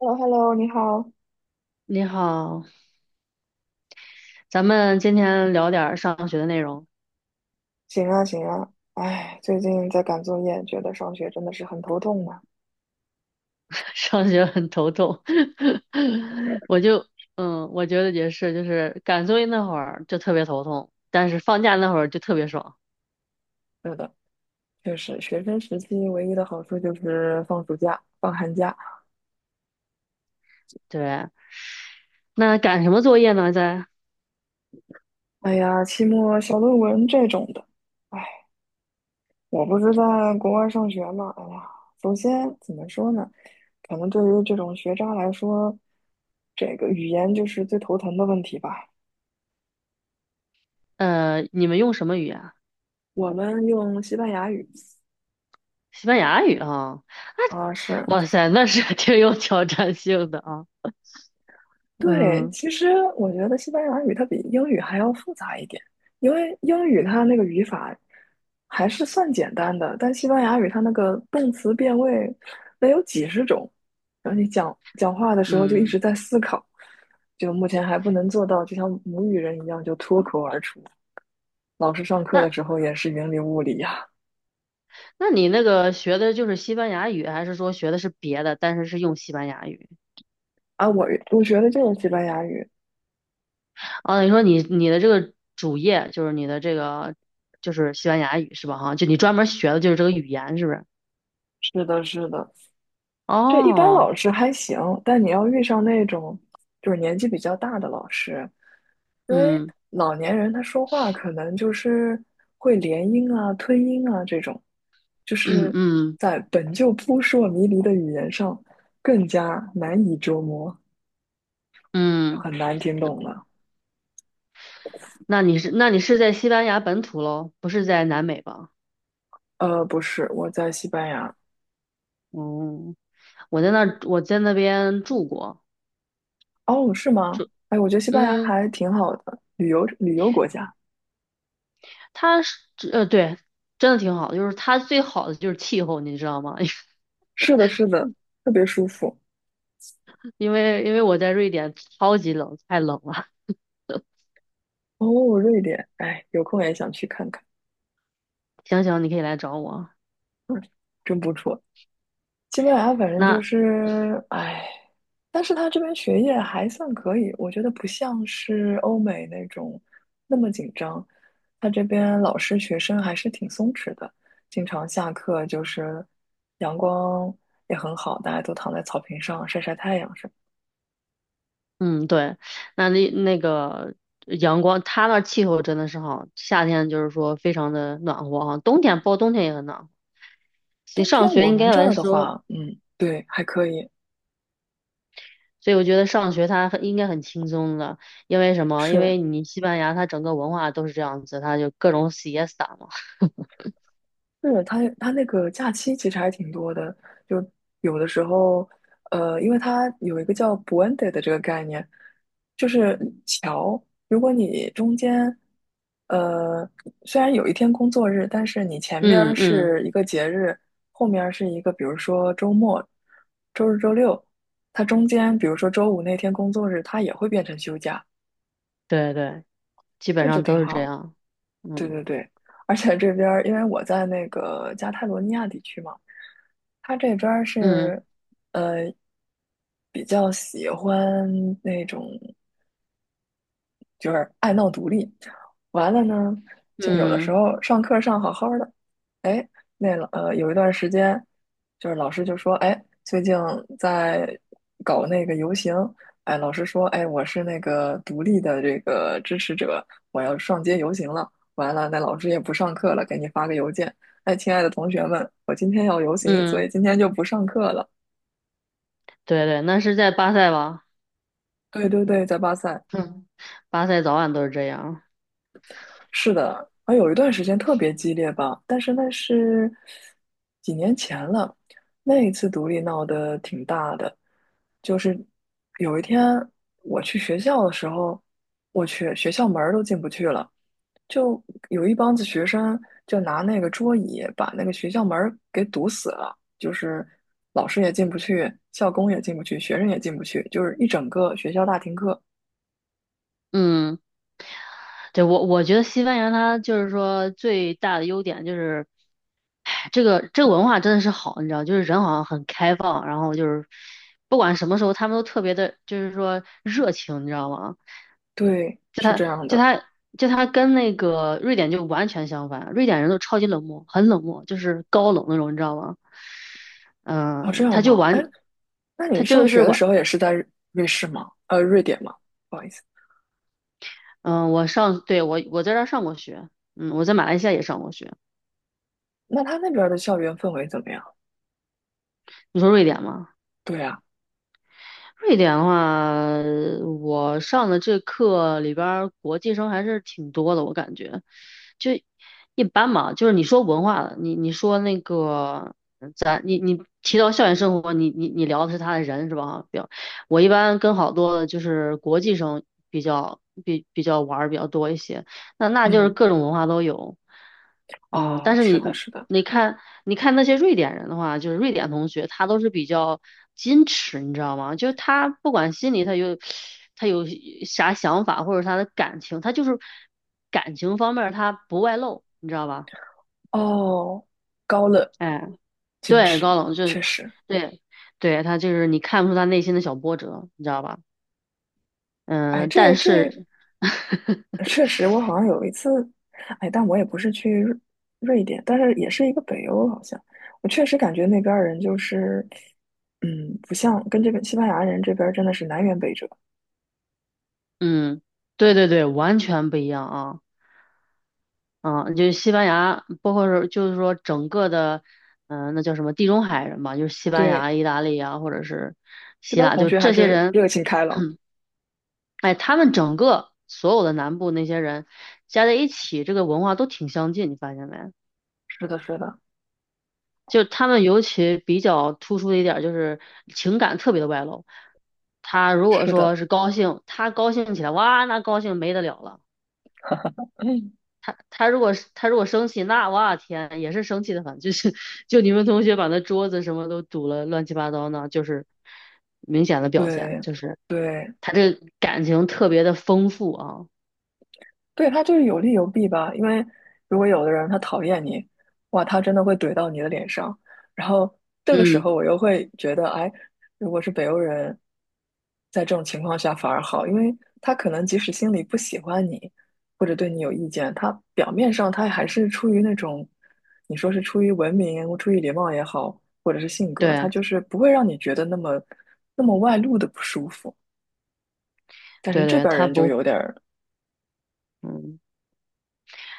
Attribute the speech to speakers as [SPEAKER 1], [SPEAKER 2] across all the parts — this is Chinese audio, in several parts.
[SPEAKER 1] h e l l o h e l l o 你好。
[SPEAKER 2] 你好，咱们今天聊点儿上学的内容。
[SPEAKER 1] 行啊，行啊。哎，最近在赶作业，觉得上学真的是很头痛啊。
[SPEAKER 2] 上学很头痛，我就我觉得也是，就是赶作业那会儿就特别头痛，但是放假那会儿就特别爽。
[SPEAKER 1] 是的，确实，学生时期唯一的好处就是放暑假、放寒假。
[SPEAKER 2] 对，那赶什么作业呢？
[SPEAKER 1] 哎呀，期末小论文这种的，哎，我不是在国外上学嘛。哎呀，首先怎么说呢？可能对于这种学渣来说，这个语言就是最头疼的问题吧。
[SPEAKER 2] 你们用什么语言？
[SPEAKER 1] 我们用西班牙语，
[SPEAKER 2] 西班牙语啊！
[SPEAKER 1] 啊，是
[SPEAKER 2] 哇塞，那是 挺有挑战性的啊。
[SPEAKER 1] 对，
[SPEAKER 2] 嗯。
[SPEAKER 1] 其实我觉得西班牙语它比英语还要复杂一点，因为英语它那个语法还是算简单的，但西班牙语它那个动词变位得有几十种，然后你讲话的时候就一
[SPEAKER 2] 嗯，
[SPEAKER 1] 直在思考，就目前还不能做到，就像母语人一样就脱口而出。老师上课的
[SPEAKER 2] 那
[SPEAKER 1] 时候也是云里雾里呀、
[SPEAKER 2] 那你那个学的就是西班牙语，还是说学的是别的，但是是用西班牙语？
[SPEAKER 1] 啊，我学的就是西班牙语，
[SPEAKER 2] 哦，你说你的这个主业就是你的这个就是西班牙语是吧？哈，就你专门学的就是这个语言是不是？
[SPEAKER 1] 是的，是的，这一般
[SPEAKER 2] 哦。
[SPEAKER 1] 老师还行，但你要遇上那种就是年纪比较大的老师，因为
[SPEAKER 2] 嗯。
[SPEAKER 1] 老年人他说话可能就是会连音啊、吞音啊这种，就 是
[SPEAKER 2] 嗯。
[SPEAKER 1] 在本就扑朔迷离的语言上更加难以捉摸，
[SPEAKER 2] 嗯，
[SPEAKER 1] 很难听懂了。
[SPEAKER 2] 那你是在西班牙本土喽，不是在南美吧？
[SPEAKER 1] 不是，我在西班牙。
[SPEAKER 2] 哦，我在那边住过。
[SPEAKER 1] 哦，是吗？哎，我觉得西班牙
[SPEAKER 2] 嗯，
[SPEAKER 1] 还挺好的，旅游旅游国家。
[SPEAKER 2] 它是对，真的挺好的，就是它最好的就是气候，你知道吗？
[SPEAKER 1] 是的，是的，特别舒服。
[SPEAKER 2] 因为我在瑞典超级冷，太冷了。
[SPEAKER 1] 哦，瑞典，哎，有空也想去看看。
[SPEAKER 2] 行行，你可以来找我。
[SPEAKER 1] 真不错。西班牙反正就
[SPEAKER 2] 那
[SPEAKER 1] 是，哎，但是他这边学业还算可以，我觉得不像是欧美那种那么紧张。他这边老师学生还是挺松弛的，经常下课就是阳光也很好，大家都躺在草坪上晒晒太阳什么。
[SPEAKER 2] 嗯，对，那那个阳光，它那儿气候真的是好，夏天就是说非常的暖和啊，冬天包括冬天也很暖和。其实
[SPEAKER 1] 冬
[SPEAKER 2] 上
[SPEAKER 1] 天
[SPEAKER 2] 学
[SPEAKER 1] 我
[SPEAKER 2] 应
[SPEAKER 1] 们
[SPEAKER 2] 该
[SPEAKER 1] 这
[SPEAKER 2] 来
[SPEAKER 1] 儿的
[SPEAKER 2] 说，
[SPEAKER 1] 话，嗯，对，还可以，
[SPEAKER 2] 所以我觉得上学它很应该很轻松的，因为什么？因
[SPEAKER 1] 是。
[SPEAKER 2] 为你西班牙它整个文化都是这样子，它就各种 s i e s 嘛。
[SPEAKER 1] 是他那个假期其实还挺多的，就有的时候，因为它有一个叫 "puente" 的这个概念，就是桥。如果你中间，呃，虽然有一天工作日，但是你前面儿
[SPEAKER 2] 嗯。嗯，
[SPEAKER 1] 是一个节日，后面儿是一个，比如说周末、周日、周六，它中间，比如说周五那天工作日，它也会变成休假，
[SPEAKER 2] 对对，基本
[SPEAKER 1] 这就
[SPEAKER 2] 上
[SPEAKER 1] 挺
[SPEAKER 2] 都是这
[SPEAKER 1] 好。
[SPEAKER 2] 样。
[SPEAKER 1] 对
[SPEAKER 2] 嗯。
[SPEAKER 1] 对对，而且这边儿因为我在那个加泰罗尼亚地区嘛，他这边儿
[SPEAKER 2] 嗯。
[SPEAKER 1] 是呃比较喜欢那种。就是爱闹独立。完了呢，就有的时
[SPEAKER 2] 嗯。
[SPEAKER 1] 候上课上好好的，哎，那有一段时间，就是老师就说，哎，最近在搞那个游行，哎，老师说，哎，我是那个独立的这个支持者，我要上街游行了。完了，那老师也不上课了，给你发个邮件，哎，亲爱的同学们，我今天要游行，所
[SPEAKER 2] 嗯，
[SPEAKER 1] 以今天就不上课了。
[SPEAKER 2] 对对，那是在巴塞吧？
[SPEAKER 1] 对对对，在巴塞。
[SPEAKER 2] 哼，巴塞早晚都是这样。
[SPEAKER 1] 是的，啊，有一段时间特别激烈吧，但是那是几年前了。那一次独立闹得挺大的，就是有一天我去学校的时候，我去学校门儿都进不去了，就有一帮子学生就拿那个桌椅把那个学校门儿给堵死了，就是老师也进不去，校工也进不去，学生也进不去，就是一整个学校大停课。
[SPEAKER 2] 嗯。对，我我觉得西班牙它就是说最大的优点就是，哎这个这个文化真的是好，你知道，就是人好像很开放，然后就是不管什么时候他们都特别的，就是说热情，你知道吗？
[SPEAKER 1] 对，
[SPEAKER 2] 就
[SPEAKER 1] 是
[SPEAKER 2] 他
[SPEAKER 1] 这样
[SPEAKER 2] 就
[SPEAKER 1] 的。
[SPEAKER 2] 他就他跟那个瑞典就完全相反，瑞典人都超级冷漠，很冷漠，就是高冷那种，你知道吗？
[SPEAKER 1] 哦，这
[SPEAKER 2] 嗯、
[SPEAKER 1] 样
[SPEAKER 2] 他就
[SPEAKER 1] 吗？哎，
[SPEAKER 2] 完，
[SPEAKER 1] 那你
[SPEAKER 2] 他
[SPEAKER 1] 上
[SPEAKER 2] 就
[SPEAKER 1] 学
[SPEAKER 2] 是
[SPEAKER 1] 的
[SPEAKER 2] 完，
[SPEAKER 1] 时候也是在瑞典吗？不好意思，
[SPEAKER 2] 嗯、我上，对，我在这儿上过学，嗯，我在马来西亚也上过学。
[SPEAKER 1] 那他那边儿的校园氛围怎么样？
[SPEAKER 2] 你说瑞典吗？
[SPEAKER 1] 对啊，
[SPEAKER 2] 瑞典的话，我上的这课里边儿国际生还是挺多的，我感觉就一般嘛。就是你说文化的，你你说那个你提到校园生活，你你你聊的是他的人是吧？比较，我一般跟好多的就是国际生比较玩儿比较多一些。那那就是
[SPEAKER 1] 嗯，
[SPEAKER 2] 各种文化都有。嗯，
[SPEAKER 1] 哦，
[SPEAKER 2] 但是
[SPEAKER 1] 是
[SPEAKER 2] 你
[SPEAKER 1] 的，是的，
[SPEAKER 2] 你看，你看那些瑞典人的话，就是瑞典同学，他都是比较矜持，你知道吗？就是他不管心里他有啥想法，或者他的感情，他就是感情方面儿他不外露，你知道吧？
[SPEAKER 1] 哦，高冷，
[SPEAKER 2] 哎，
[SPEAKER 1] 矜
[SPEAKER 2] 对，
[SPEAKER 1] 持，
[SPEAKER 2] 高冷就
[SPEAKER 1] 确
[SPEAKER 2] 是
[SPEAKER 1] 实，
[SPEAKER 2] 对对，他就是你看不出他内心的小波折，你知道吧？
[SPEAKER 1] 哎，
[SPEAKER 2] 嗯，但
[SPEAKER 1] 这
[SPEAKER 2] 是
[SPEAKER 1] 确实，我好像有一次，哎，但我也不是去瑞典，但是也是一个北欧，好像我确实感觉那边儿人就是，嗯，不像跟这边西班牙人这边儿真的是南辕北辙。
[SPEAKER 2] 嗯，对对对，完全不一样啊。嗯，就是西班牙，包括是就是说整个的，那叫什么地中海人吧，就是西班
[SPEAKER 1] 对，
[SPEAKER 2] 牙、意大利啊，或者是
[SPEAKER 1] 这
[SPEAKER 2] 希
[SPEAKER 1] 边儿
[SPEAKER 2] 腊，
[SPEAKER 1] 同
[SPEAKER 2] 就
[SPEAKER 1] 学还
[SPEAKER 2] 这些
[SPEAKER 1] 是
[SPEAKER 2] 人。
[SPEAKER 1] 热情开朗。
[SPEAKER 2] 哎，他们整个所有的南部那些人加在一起，这个文化都挺相近，你发现没？
[SPEAKER 1] 是的，是的。
[SPEAKER 2] 就他们尤其比较突出的一点儿就是情感特别的外露。他如果
[SPEAKER 1] 是的，
[SPEAKER 2] 说是高兴，他高兴起来，哇，那高兴没得了了。
[SPEAKER 1] 嗯，
[SPEAKER 2] 他如果生气，那哇天也是生气的很，就是就你们同学把那桌子什么都堵了乱七八糟呢，就是明显的表现，
[SPEAKER 1] 对，
[SPEAKER 2] 就是
[SPEAKER 1] 对，
[SPEAKER 2] 他这感情特别的丰富啊。
[SPEAKER 1] 对，他就是有利有弊吧。因为如果有的人他讨厌你，哇，他真的会怼到你的脸上。然后这个时
[SPEAKER 2] 嗯，
[SPEAKER 1] 候我又会觉得，哎，如果是北欧人，在这种情况下反而好，因为他可能即使心里不喜欢你，或者对你有意见，他表面上他还是出于那种，你说是出于文明、出于礼貌也好，或者是性格，他
[SPEAKER 2] 对
[SPEAKER 1] 就是不会让你觉得那么那么外露的不舒服。但是
[SPEAKER 2] 对
[SPEAKER 1] 这
[SPEAKER 2] 对，
[SPEAKER 1] 边儿
[SPEAKER 2] 他
[SPEAKER 1] 人就
[SPEAKER 2] 不，
[SPEAKER 1] 有点儿，
[SPEAKER 2] 嗯。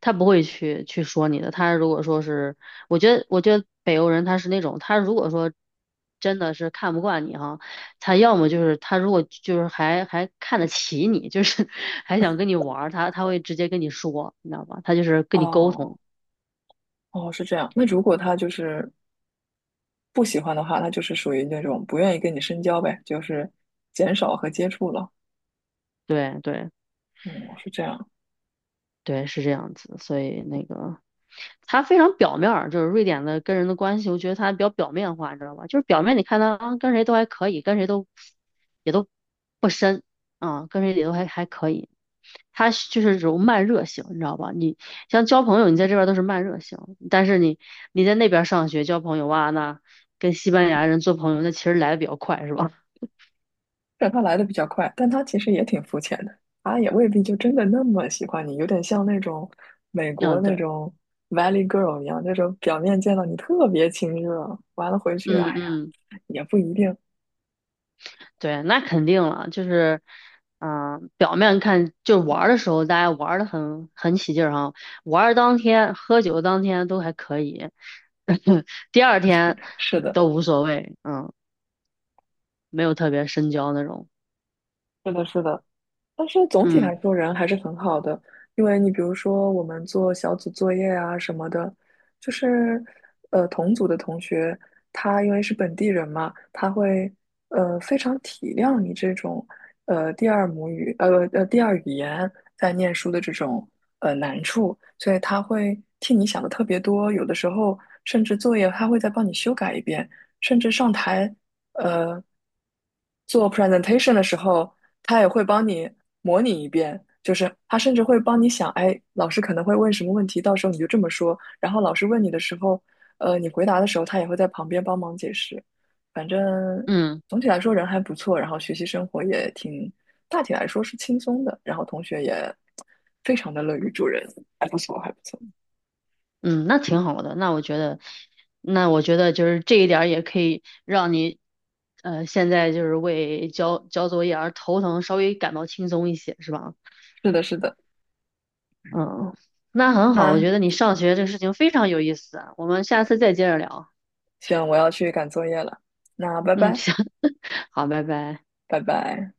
[SPEAKER 2] 他不会去说你的。他如果说是，我觉得北欧人他是那种，他如果说真的是看不惯你哈，他要么就是他如果就是还还看得起你，就是 还想跟你玩儿，他会直接跟你说，你知道吧？他就是跟你沟通。
[SPEAKER 1] 哦哦，是这样。那如果他就是不喜欢的话，他就是属于那种不愿意跟你深交呗，就是减少和接触了。
[SPEAKER 2] 对对。
[SPEAKER 1] 嗯，是这样。
[SPEAKER 2] 对，是这样子，所以那个他非常表面儿，就是瑞典的跟人的关系，我觉得他比较表面化，你知道吧？就是表面你看他啊，跟谁都还可以，跟谁都也都不深啊，跟谁也都还可以。他是就是这种慢热型，你知道吧？你像交朋友，你在这边儿都是慢热型，但是你在那边儿上学交朋友哇，那跟西班牙人做朋友，那其实来的比较快，是吧？
[SPEAKER 1] 虽然他来的比较快，但他其实也挺肤浅的，他也未必就真的那么喜欢你，有点像那种美 国
[SPEAKER 2] 嗯，
[SPEAKER 1] 那
[SPEAKER 2] 对，
[SPEAKER 1] 种 Valley Girl 一样，那种表面见到你特别亲热，完了回去，哎
[SPEAKER 2] 嗯。
[SPEAKER 1] 呀，
[SPEAKER 2] 嗯。
[SPEAKER 1] 也不一定。
[SPEAKER 2] 对，那肯定了，就是，表面看就玩儿的时候，大家玩儿的很起劲儿哈，玩儿当天、喝酒当天都还可以，第二天
[SPEAKER 1] 是的，
[SPEAKER 2] 都无所谓。嗯，没有特别深交那种。
[SPEAKER 1] 是的，是的。但是总体来
[SPEAKER 2] 嗯。
[SPEAKER 1] 说，人还是很好的，因为你比如说我们做小组作业啊什么的，就是同组的同学，他因为是本地人嘛，他会非常体谅你这种第二语言在念书的这种难处，所以他会替你想的特别多，有的时候甚至作业他会再帮你修改一遍，甚至上台。呃做 presentation 的时候，他也会帮你模拟一遍，就是他甚至会帮你想，哎，老师可能会问什么问题，到时候你就这么说。然后老师问你的时候，你回答的时候，他也会在旁边帮忙解释。反正
[SPEAKER 2] 嗯。
[SPEAKER 1] 总体来说人还不错，然后学习生活也挺，大体来说是轻松的，然后同学也非常的乐于助人，还不错，还不错。
[SPEAKER 2] 嗯，那挺好的，那我觉得就是这一点儿也可以让你，现在就是为交作业而头疼，稍微感到轻松一些，是吧？
[SPEAKER 1] 是的，是的。
[SPEAKER 2] 嗯，那很好，我
[SPEAKER 1] 那
[SPEAKER 2] 觉得你上学这个事情非常有意思啊，我们下次再接着聊。
[SPEAKER 1] 行，我要去赶作业了。那拜
[SPEAKER 2] 嗯，
[SPEAKER 1] 拜，
[SPEAKER 2] 行，好，拜拜。
[SPEAKER 1] 拜拜。